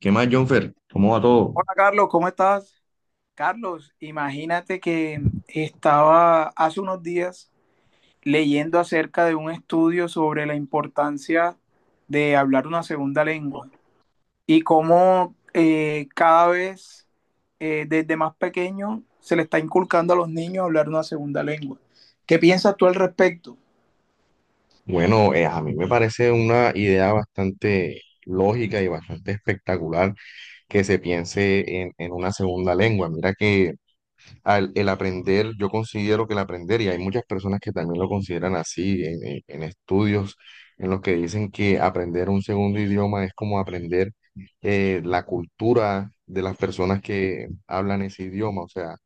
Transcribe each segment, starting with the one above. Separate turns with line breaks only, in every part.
¿Qué más, Jonfer? ¿Cómo va todo?
Hola Carlos, ¿cómo estás? Carlos, imagínate que estaba hace unos días leyendo acerca de un estudio sobre la importancia de hablar una segunda lengua y cómo cada vez desde más pequeño se le está inculcando a los niños hablar una segunda lengua. ¿Qué piensas tú al respecto?
Bueno, a mí me parece una idea bastante lógica y bastante espectacular que se piense en una segunda lengua. Mira que el aprender, yo considero que el aprender, y hay muchas personas que también lo consideran así en estudios, en los que dicen que aprender un segundo idioma es como aprender la cultura de las personas que hablan ese idioma, o sea,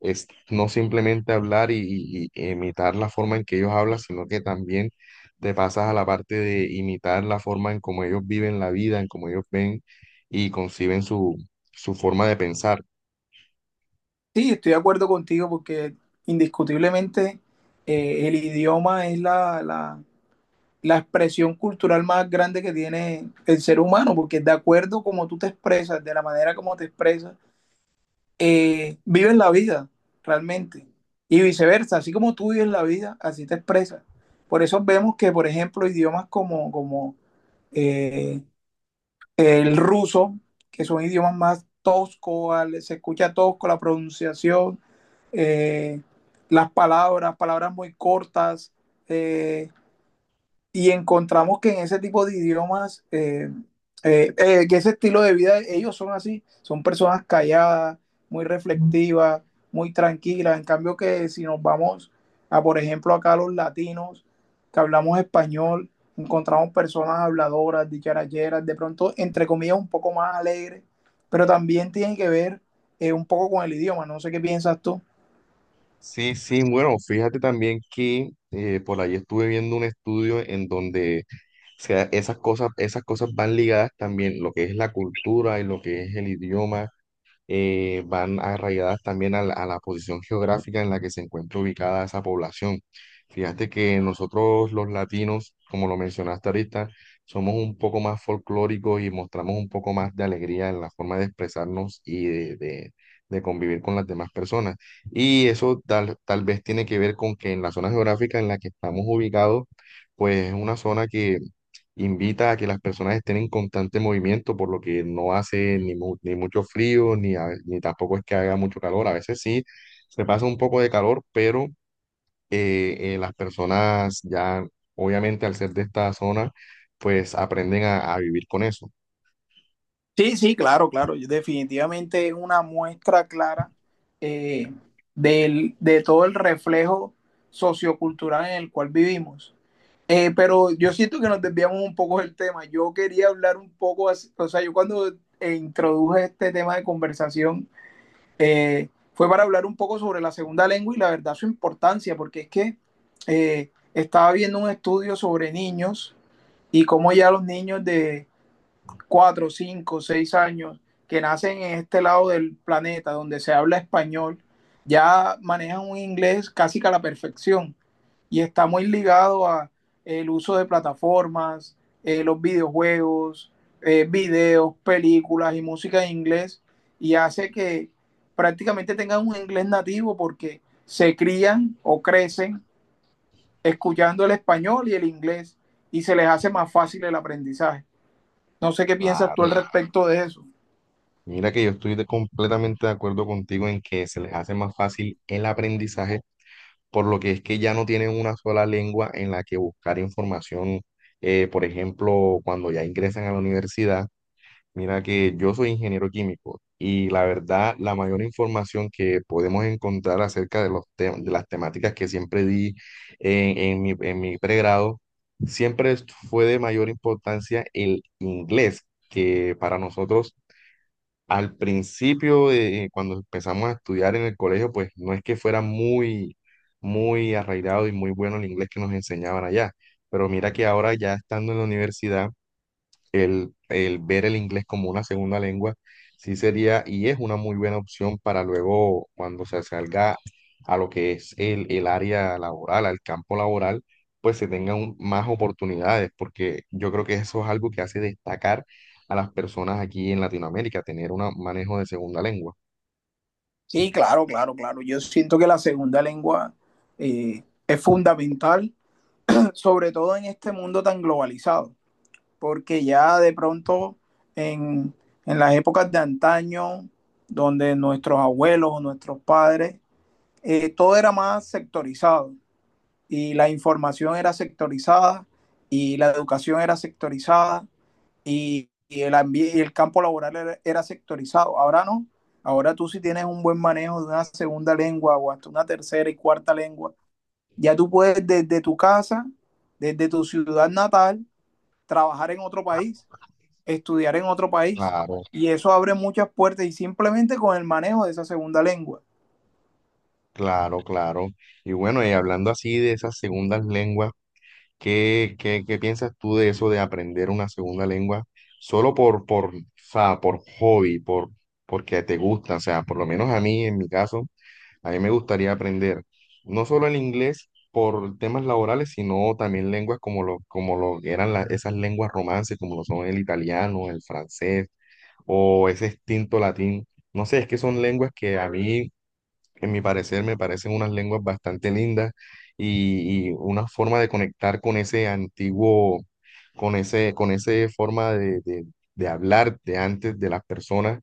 es no simplemente hablar y imitar la forma en que ellos hablan, sino que también te pasas a la parte de imitar la forma en cómo ellos viven la vida, en cómo ellos ven y conciben su, su forma de pensar.
Sí, estoy de acuerdo contigo porque indiscutiblemente, el idioma es la expresión cultural más grande que tiene el ser humano, porque de acuerdo como tú te expresas, de la manera como te expresas, vives la vida realmente. Y viceversa, así como tú vives la vida, así te expresas. Por eso vemos que, por ejemplo, idiomas como, como eh, el ruso, que son idiomas más toscos, se escucha tosco la pronunciación, eh, las palabras, palabras muy cortas, eh, y encontramos que en ese tipo de idiomas, que ese estilo de vida, ellos son así, son personas calladas, muy reflexivas, muy tranquilas. En cambio que si nos vamos a, por ejemplo, acá los latinos, que hablamos español, encontramos personas habladoras, dicharacheras, de pronto, entre comillas, un poco más alegres, pero también tiene que ver, un poco con el idioma. No sé qué piensas tú.
Sí, sí, bueno, fíjate también que por ahí estuve viendo un estudio en donde, o sea, esas cosas van ligadas también, lo que es la cultura y lo que es el idioma, van arraigadas también a la posición geográfica en la que se encuentra ubicada esa población. Fíjate que nosotros los latinos, como lo mencionaste ahorita, somos un poco más folclóricos y mostramos un poco más de alegría en la forma de expresarnos y de de convivir con las demás personas. Y eso tal, tal vez tiene que ver con que en la zona geográfica en la que estamos ubicados, pues es una zona que invita a que las personas estén en constante movimiento, por lo que no hace ni mucho frío, ni tampoco es que haga mucho calor. A veces sí, se pasa un poco de calor, pero las personas ya, obviamente al ser de esta zona, pues aprenden a vivir con eso.
Sí, sí, claro, claro. Yo definitivamente es una muestra clara, eh, de todo el reflejo sociocultural en el cual vivimos. Pero yo siento que nos desviamos un poco del tema. Yo quería hablar un poco, o sea, yo cuando introduje este tema de conversación fue para hablar un poco sobre la segunda lengua y la verdad su importancia, porque es que estaba viendo un estudio sobre niños y cómo ya los niños de cuatro, cinco, seis años, que nacen en este lado del planeta donde se habla español, ya manejan un inglés casi que a la perfección y está muy ligado a el uso de plataformas, los videojuegos, videos, películas y música en inglés y hace que prácticamente tengan un inglés nativo porque se crían o crecen escuchando el español y el inglés y se les hace más fácil el aprendizaje. No sé qué piensas tú al
Claro.
respecto de eso.
Mira que yo completamente de acuerdo contigo en que se les hace más fácil el aprendizaje por lo que es que ya no tienen una sola lengua en la que buscar información. Por ejemplo, cuando ya ingresan a la universidad, mira que yo soy ingeniero químico y la verdad, la mayor información que podemos encontrar acerca de de las temáticas que siempre di en mi pregrado, siempre fue de mayor importancia el inglés, que para nosotros al principio, de cuando empezamos a estudiar en el colegio, pues no es que fuera muy, muy arraigado y muy bueno el inglés que nos enseñaban allá, pero mira que ahora ya estando en la universidad, el ver el inglés como una segunda lengua, sí sería y es una muy buena opción para luego cuando se salga a lo que es el área laboral, al campo laboral, pues se tengan más oportunidades, porque yo creo que eso es algo que hace destacar a las personas aquí en Latinoamérica, tener un manejo de segunda lengua.
Sí, claro, claro, claro. Yo siento que la segunda lengua es fundamental, sobre todo en este mundo tan globalizado, porque ya de pronto en, en las épocas de antaño, donde nuestros abuelos o nuestros padres, todo era más sectorizado y la información era sectorizada y la educación era sectorizada y, y el campo laboral era, era sectorizado. Ahora no. Ahora tú si tienes un buen manejo de una segunda lengua o hasta una tercera y cuarta lengua, ya tú puedes desde tu casa, desde tu ciudad natal, trabajar en otro país, estudiar en otro país.
Claro,
Y eso abre muchas puertas y simplemente con el manejo de esa segunda lengua.
claro, claro. Y bueno, y hablando así de esas segundas lenguas, ¿qué, qué, qué piensas tú de eso de aprender una segunda lengua solo o sea, por hobby, por, porque te gusta? O sea, por lo menos a mí, en mi caso, a mí me gustaría aprender no solo el inglés por temas laborales, sino también lenguas como lo que eran esas lenguas romances, como lo son el italiano, el francés o ese extinto latín. No sé, es que son lenguas que a mí en mi parecer me parecen unas lenguas bastante lindas y una forma de conectar con ese antiguo, con ese forma de, de hablar de antes de las personas,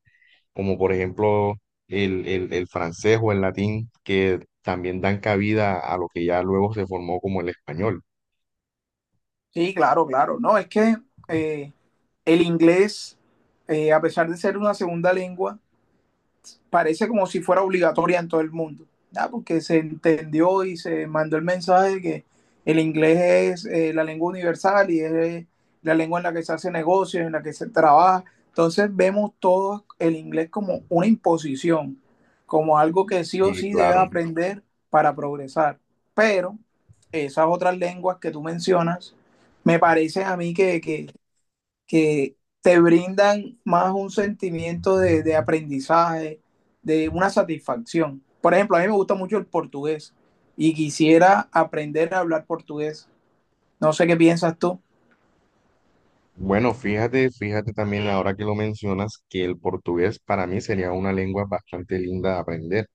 como por ejemplo el francés o el latín, que también dan cabida a lo que ya luego se formó como el español.
Sí, claro, claro. No, es que eh, el inglés, a pesar de ser una segunda lengua, parece como si fuera obligatoria en todo el mundo, ¿verdad? Porque se entendió y se mandó el mensaje de que el inglés es, la lengua universal y es, la lengua en la que se hace negocios, en la que se trabaja. Entonces vemos todo el inglés como una imposición, como algo que sí o
Y
sí debes
claro.
aprender para progresar. Pero esas otras lenguas que tú mencionas, me parece a mí que, que te brindan más un sentimiento de aprendizaje, de una satisfacción. Por ejemplo, a mí me gusta mucho el portugués y quisiera aprender a hablar portugués. No sé qué piensas tú.
Bueno, fíjate, fíjate también ahora que lo mencionas, que el portugués para mí sería una lengua bastante linda de aprender,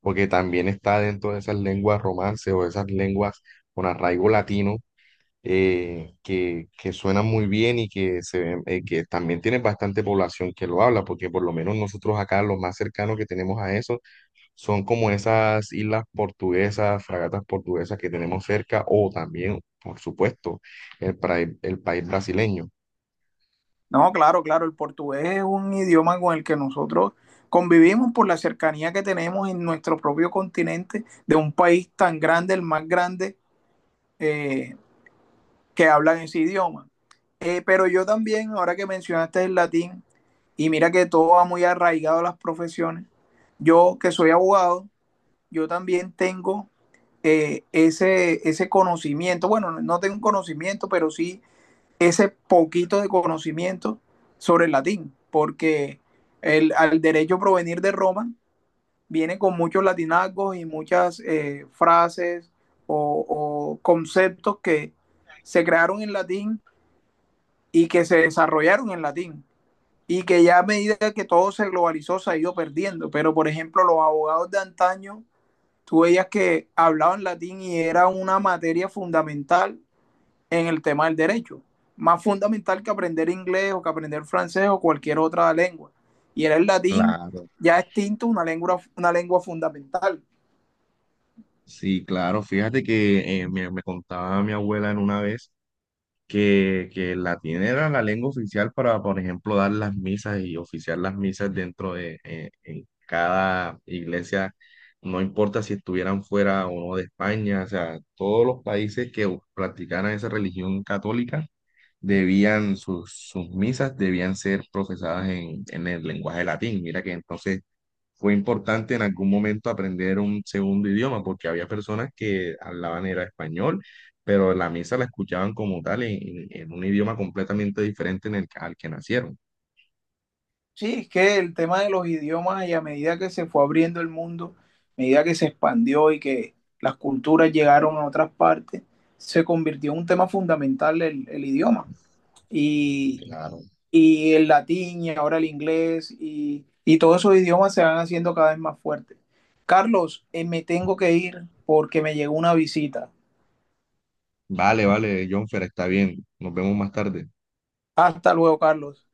porque también está dentro de esas lenguas romance o esas lenguas con arraigo latino, que suenan muy bien y que, que también tienen bastante población que lo habla, porque por lo menos nosotros acá lo más cercano que tenemos a eso son como esas islas portuguesas, fragatas portuguesas que tenemos cerca, o también, por supuesto, el país brasileño.
No, claro, claro, el portugués es un idioma con el que nosotros convivimos por la cercanía que tenemos en nuestro propio continente de un país tan grande, el más grande, eh, que hablan ese idioma. Pero yo también, ahora que mencionaste el latín, y mira que todo va muy arraigado a las profesiones, yo que soy abogado, yo también tengo, ese conocimiento, bueno, no tengo conocimiento, pero sí ese poquito de conocimiento sobre el latín, porque al derecho provenir de Roma viene con muchos latinazgos y muchas frases o conceptos que se crearon en latín y que se desarrollaron en latín y que ya a medida que todo se globalizó se ha ido perdiendo. Pero, por ejemplo, los abogados de antaño, tú veías que hablaban latín y era una materia fundamental en el tema del derecho, más fundamental que aprender inglés o que aprender francés o cualquier otra lengua. Y era el latín ya extinto, una lengua fundamental.
Sí, claro, fíjate que me contaba mi abuela en una vez que el latín era la lengua oficial para, por ejemplo, dar las misas y oficiar las misas dentro de en cada iglesia, no importa si estuvieran fuera o no de España, o sea, todos los países que practicaran esa religión católica debían, sus, sus misas debían ser profesadas en el lenguaje latín. Mira que entonces fue importante en algún momento aprender un segundo idioma, porque había personas que hablaban era español, pero la misa la escuchaban como tal en un idioma completamente diferente en el, al que nacieron.
Sí, es que el tema de los idiomas y a medida que se fue abriendo el mundo, a medida que se expandió y que las culturas llegaron a otras partes, se convirtió en un tema fundamental el idioma. Y,
Claro.
y el latín y ahora el inglés y todos esos idiomas se van haciendo cada vez más fuertes. Carlos, me tengo que ir porque me llegó una visita.
Vale, vale, Jonfer, está bien. Nos vemos más tarde.
Hasta luego, Carlos.